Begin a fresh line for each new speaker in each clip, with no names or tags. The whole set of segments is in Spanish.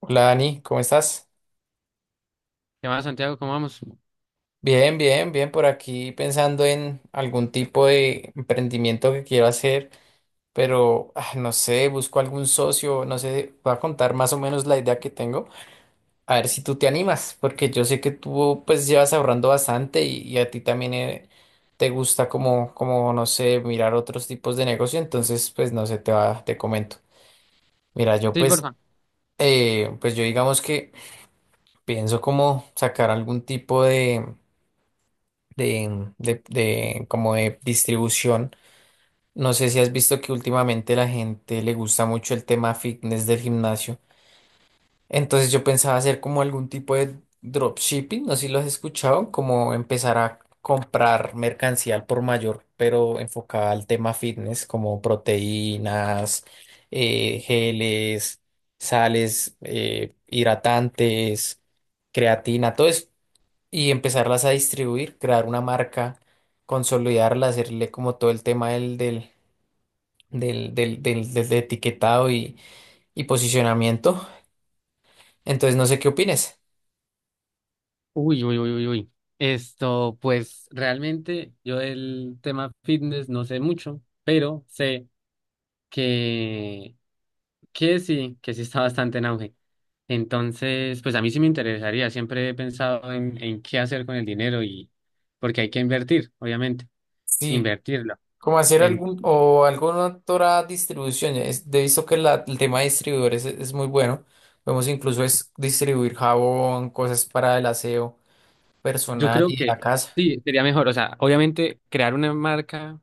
Hola Dani, ¿cómo estás?
¿Qué más, Santiago? ¿Cómo vamos?
Bien, bien, bien, por aquí pensando en algún tipo de emprendimiento que quiero hacer, pero no sé, busco algún socio, no sé, voy a contar más o menos la idea que tengo, a ver si tú te animas, porque yo sé que tú pues llevas ahorrando bastante y a ti también te gusta como, como, no sé, mirar otros tipos de negocio, entonces pues no sé, te va, te comento. Mira, yo
Sí,
pues,
porfa.
pues yo digamos que pienso como sacar algún tipo de como de distribución. No sé si has visto que últimamente la gente le gusta mucho el tema fitness del gimnasio. Entonces yo pensaba hacer como algún tipo de dropshipping, no sé si lo has escuchado, como empezar a comprar mercancía al por mayor, pero enfocada al tema fitness, como proteínas, geles, sales, hidratantes, creatina, todo eso y empezarlas a distribuir, crear una marca, consolidarla, hacerle como todo el tema del etiquetado y posicionamiento. Entonces, no sé qué opines.
Uy, uy, uy, uy, uy. Esto, pues realmente yo del tema fitness no sé mucho, pero sé que, que sí está bastante en auge. Entonces, pues a mí sí me interesaría. Siempre he pensado en qué hacer con el dinero y porque hay que invertir, obviamente,
Sí,
invertirlo.
como hacer algún o alguna otra distribución. Es, he visto que el tema de distribuidores es muy bueno. Podemos incluso es distribuir jabón, cosas para el aseo
Yo
personal
creo
y de
que
la casa.
sí, sería mejor. O sea, obviamente crear una marca,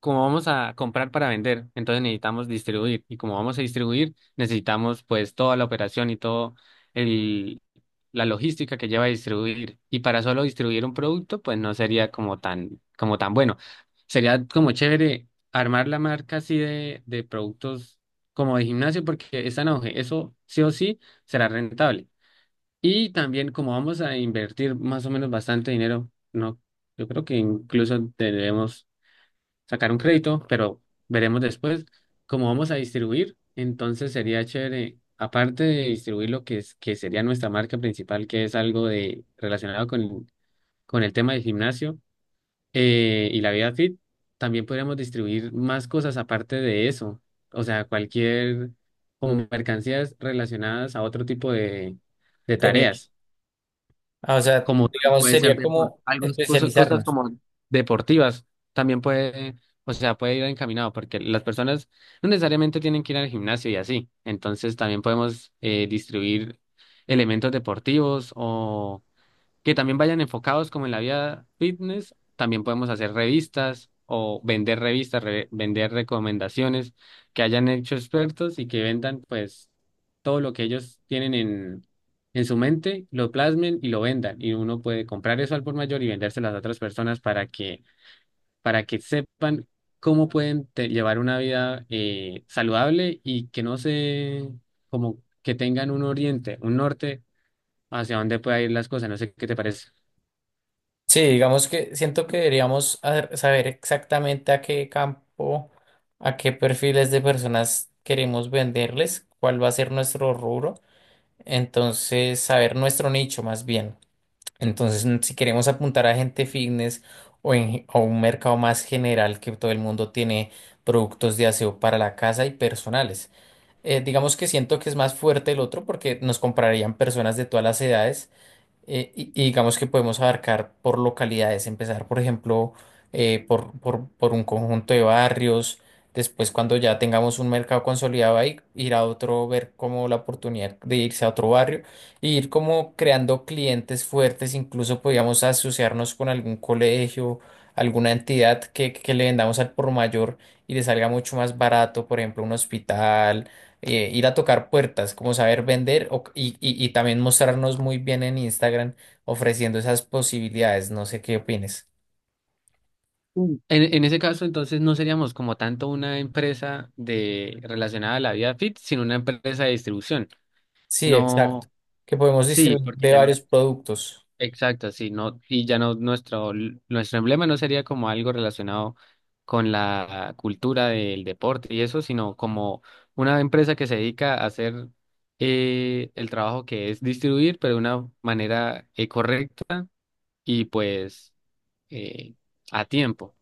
como vamos a comprar para vender, entonces necesitamos distribuir. Y como vamos a distribuir, necesitamos pues toda la operación y todo el, la logística que lleva a distribuir. Y para solo distribuir un producto, pues no sería como tan bueno. Sería como chévere armar la marca así de productos como de gimnasio, porque esa en auge. Eso sí o sí será rentable. Y también como vamos a invertir más o menos bastante dinero, no, yo creo que incluso debemos sacar un crédito, pero veremos después cómo vamos a distribuir. Entonces sería chévere, aparte de distribuir lo que es, que sería nuestra marca principal, que es algo de relacionado con el tema del gimnasio y la vida fit, también podríamos distribuir más cosas aparte de eso. O sea, cualquier como mercancías relacionadas a otro tipo de
Teni-
tareas
O sea,
como también
digamos,
puede ser
sería como
algo, cosas
especializarnos.
como deportivas, también puede, o sea, puede ir encaminado, porque las personas no necesariamente tienen que ir al gimnasio y así, entonces también podemos distribuir elementos deportivos o que también vayan enfocados como en la vida fitness. También podemos hacer revistas o vender revistas, vender recomendaciones que hayan hecho expertos y que vendan pues todo lo que ellos tienen en su mente, lo plasmen y lo vendan. Y uno puede comprar eso al por mayor y vendérselo a las otras personas para que, sepan cómo pueden llevar una vida saludable y que no se, como que tengan un oriente, un norte hacia dónde pueda ir las cosas. No sé qué te parece.
Sí, digamos que siento que saber exactamente a qué campo, a qué perfiles de personas queremos venderles, cuál va a ser nuestro rubro, entonces saber nuestro nicho más bien. Entonces, mm, si queremos apuntar a gente fitness o un mercado más general que todo el mundo tiene productos de aseo para la casa y personales. Digamos que siento que es más fuerte el otro porque nos comprarían personas de todas las edades y digamos que podemos abarcar por localidades, empezar, por ejemplo, por un conjunto de barrios, después cuando ya tengamos un mercado consolidado ahí, ir a otro, ver como la oportunidad de irse a otro barrio, e ir como creando clientes fuertes, incluso podríamos asociarnos con algún colegio, alguna entidad que le vendamos al por mayor y le salga mucho más barato, por ejemplo, un hospital, ir a tocar puertas, como saber vender y también mostrarnos muy bien en Instagram ofreciendo esas posibilidades. No sé qué opines.
Mm. En ese caso, entonces no seríamos como tanto una empresa de relacionada a la vida fit, sino una empresa de distribución.
Sí, exacto.
No,
Que podemos
sí,
distribuir
porque
de
ya no.
varios productos.
Exacto, sí, no, y ya no nuestro emblema no sería como algo relacionado con la cultura del deporte y eso, sino como una empresa que se dedica a hacer el trabajo que es distribuir, pero de una manera correcta y pues eh, a tiempo.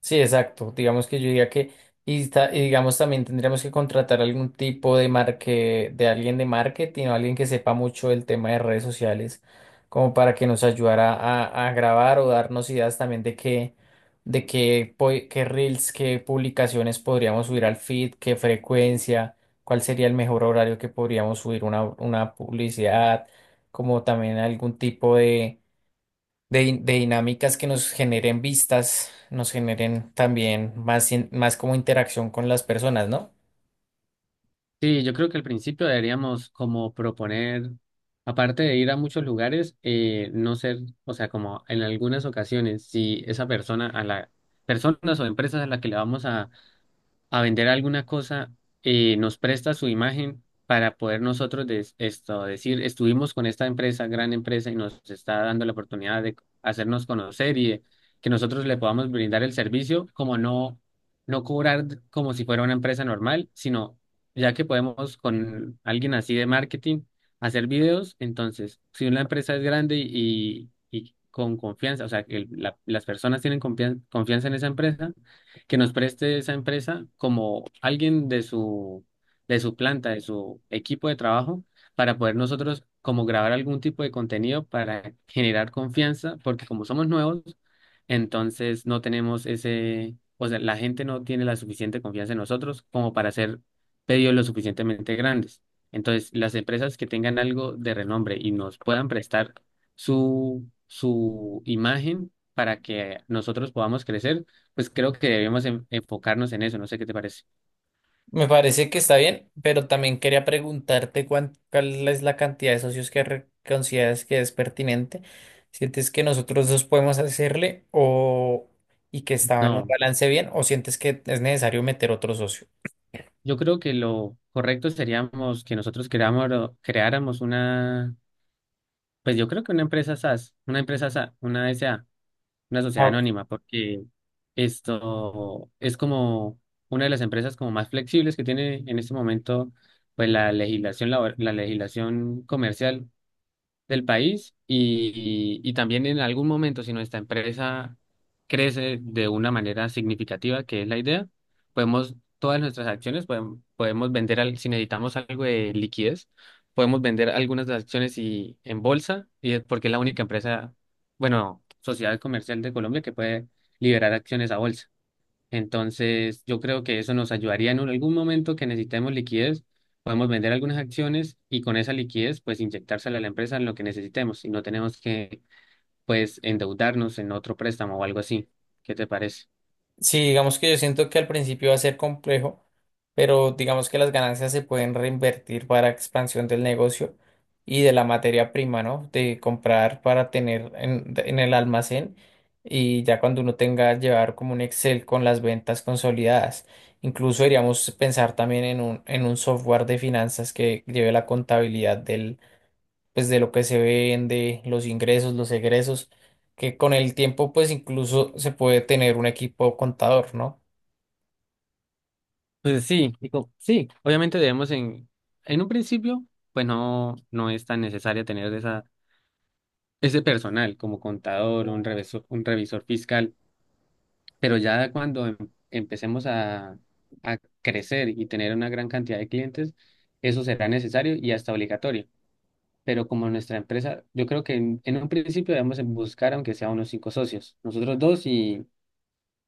Sí, exacto. Digamos que yo diría y digamos también tendríamos que contratar algún tipo de alguien de marketing o alguien que sepa mucho del tema de redes sociales, como para que nos ayudara a grabar o darnos ideas también de qué, qué reels, qué publicaciones podríamos subir al feed, qué frecuencia, cuál sería el mejor horario que podríamos subir una publicidad, como también algún tipo de dinámicas que nos generen vistas, nos generen también más como interacción con las personas, ¿no?
Sí, yo creo que al principio deberíamos como proponer, aparte de ir a muchos lugares, no ser, o sea, como en algunas ocasiones, si esa persona personas o empresas a las que le vamos a vender alguna cosa, nos presta su imagen para poder nosotros esto, decir, estuvimos con esta empresa, gran empresa, y nos está dando la oportunidad de hacernos conocer y de que nosotros le podamos brindar el servicio, como no, no cobrar como si fuera una empresa normal, sino ya que podemos con alguien así de marketing hacer videos, entonces, si una empresa es grande y con confianza, o sea, que las personas tienen confianza en esa empresa, que nos preste esa empresa como alguien de su, planta, de su equipo de trabajo, para poder nosotros como grabar algún tipo de contenido para generar confianza, porque como somos nuevos, entonces no tenemos ese, o sea, la gente no tiene la suficiente confianza en nosotros como para hacer pedidos lo suficientemente grandes. Entonces, las empresas que tengan algo de renombre y nos puedan prestar su imagen para que nosotros podamos crecer, pues creo que debemos enfocarnos en eso, no sé qué te parece.
Me parece que está bien, pero también quería preguntarte cuál es la cantidad de socios que consideras que es pertinente. ¿Sientes que nosotros dos podemos hacerle o y que estaba en un
No,
balance bien o sientes que es necesario meter otro socio?
yo creo que lo correcto seríamos que nosotros creáramos una, pues yo creo que una empresa SaaS una S A una
Ah,
sociedad
ok.
anónima, porque esto es como una de las empresas como más flexibles que tiene en este momento, pues la legislación la legislación comercial del país y también en algún momento, si nuestra empresa crece de una manera significativa, que es la idea, podemos, todas nuestras acciones, podemos, vender, si necesitamos algo de liquidez, podemos vender algunas de las acciones y, en bolsa, y es porque es la única empresa, bueno, sociedad comercial de Colombia que puede liberar acciones a bolsa. Entonces, yo creo que eso nos ayudaría algún momento que necesitemos liquidez, podemos vender algunas acciones y con esa liquidez, pues inyectársela a la empresa en lo que necesitemos y no tenemos que, pues, endeudarnos en otro préstamo o algo así. ¿Qué te parece?
Sí, digamos que yo siento que al principio va a ser complejo, pero digamos que las ganancias se pueden reinvertir para expansión del negocio y de la materia prima, ¿no? De comprar para tener en el almacén y ya cuando uno tenga llevar como un Excel con las ventas consolidadas. Incluso deberíamos pensar también en en un software de finanzas que lleve la contabilidad pues de lo que se vende, los ingresos, los egresos, que con el tiempo pues incluso se puede tener un equipo contador, ¿no?
Pues sí, digo, sí, obviamente debemos en, un principio, pues no, no es tan necesario tener ese personal como contador, un revisor, fiscal. Pero ya cuando empecemos a crecer y tener una gran cantidad de clientes, eso será necesario y hasta obligatorio. Pero como nuestra empresa, yo creo que en un principio debemos en buscar, aunque sea unos cinco socios, nosotros dos y,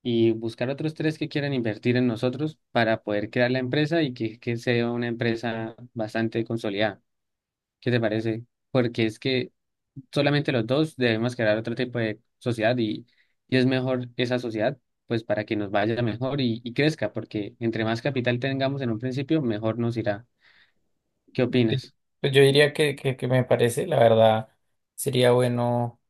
y buscar otros tres que quieran invertir en nosotros para poder crear la empresa y que sea una empresa bastante consolidada. ¿Qué te parece? Porque es que solamente los dos debemos crear otro tipo de sociedad y es mejor esa sociedad, pues para que nos vaya mejor y crezca, porque entre más capital tengamos en un principio, mejor nos irá. ¿Qué
Sí.
opinas?
Pues yo diría que me parece, la verdad, sería bueno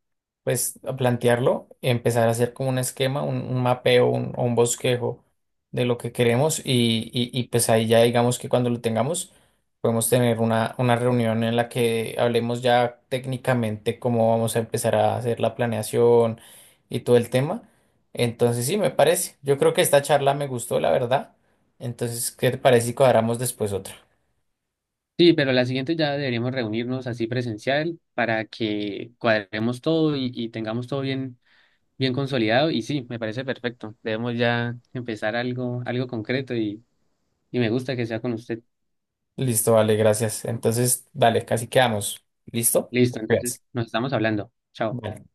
pues a plantearlo, empezar a hacer como un esquema, un mapeo, o un bosquejo de lo que queremos y pues ahí ya digamos que cuando lo tengamos podemos tener una reunión en la que hablemos ya técnicamente cómo vamos a empezar a hacer la planeación y todo el tema. Entonces sí, me parece. Yo creo que esta charla me gustó, la verdad. Entonces, ¿qué te parece si cuadramos después otra?
Sí, pero la siguiente ya deberíamos reunirnos así presencial para que cuadremos todo y tengamos todo bien, bien consolidado. Y sí, me parece perfecto. Debemos ya empezar algo concreto y me gusta que sea con usted.
Listo, vale, gracias. Entonces, dale, casi quedamos. ¿Listo?
Listo,
Gracias.
entonces nos estamos hablando. Chao.
Vale.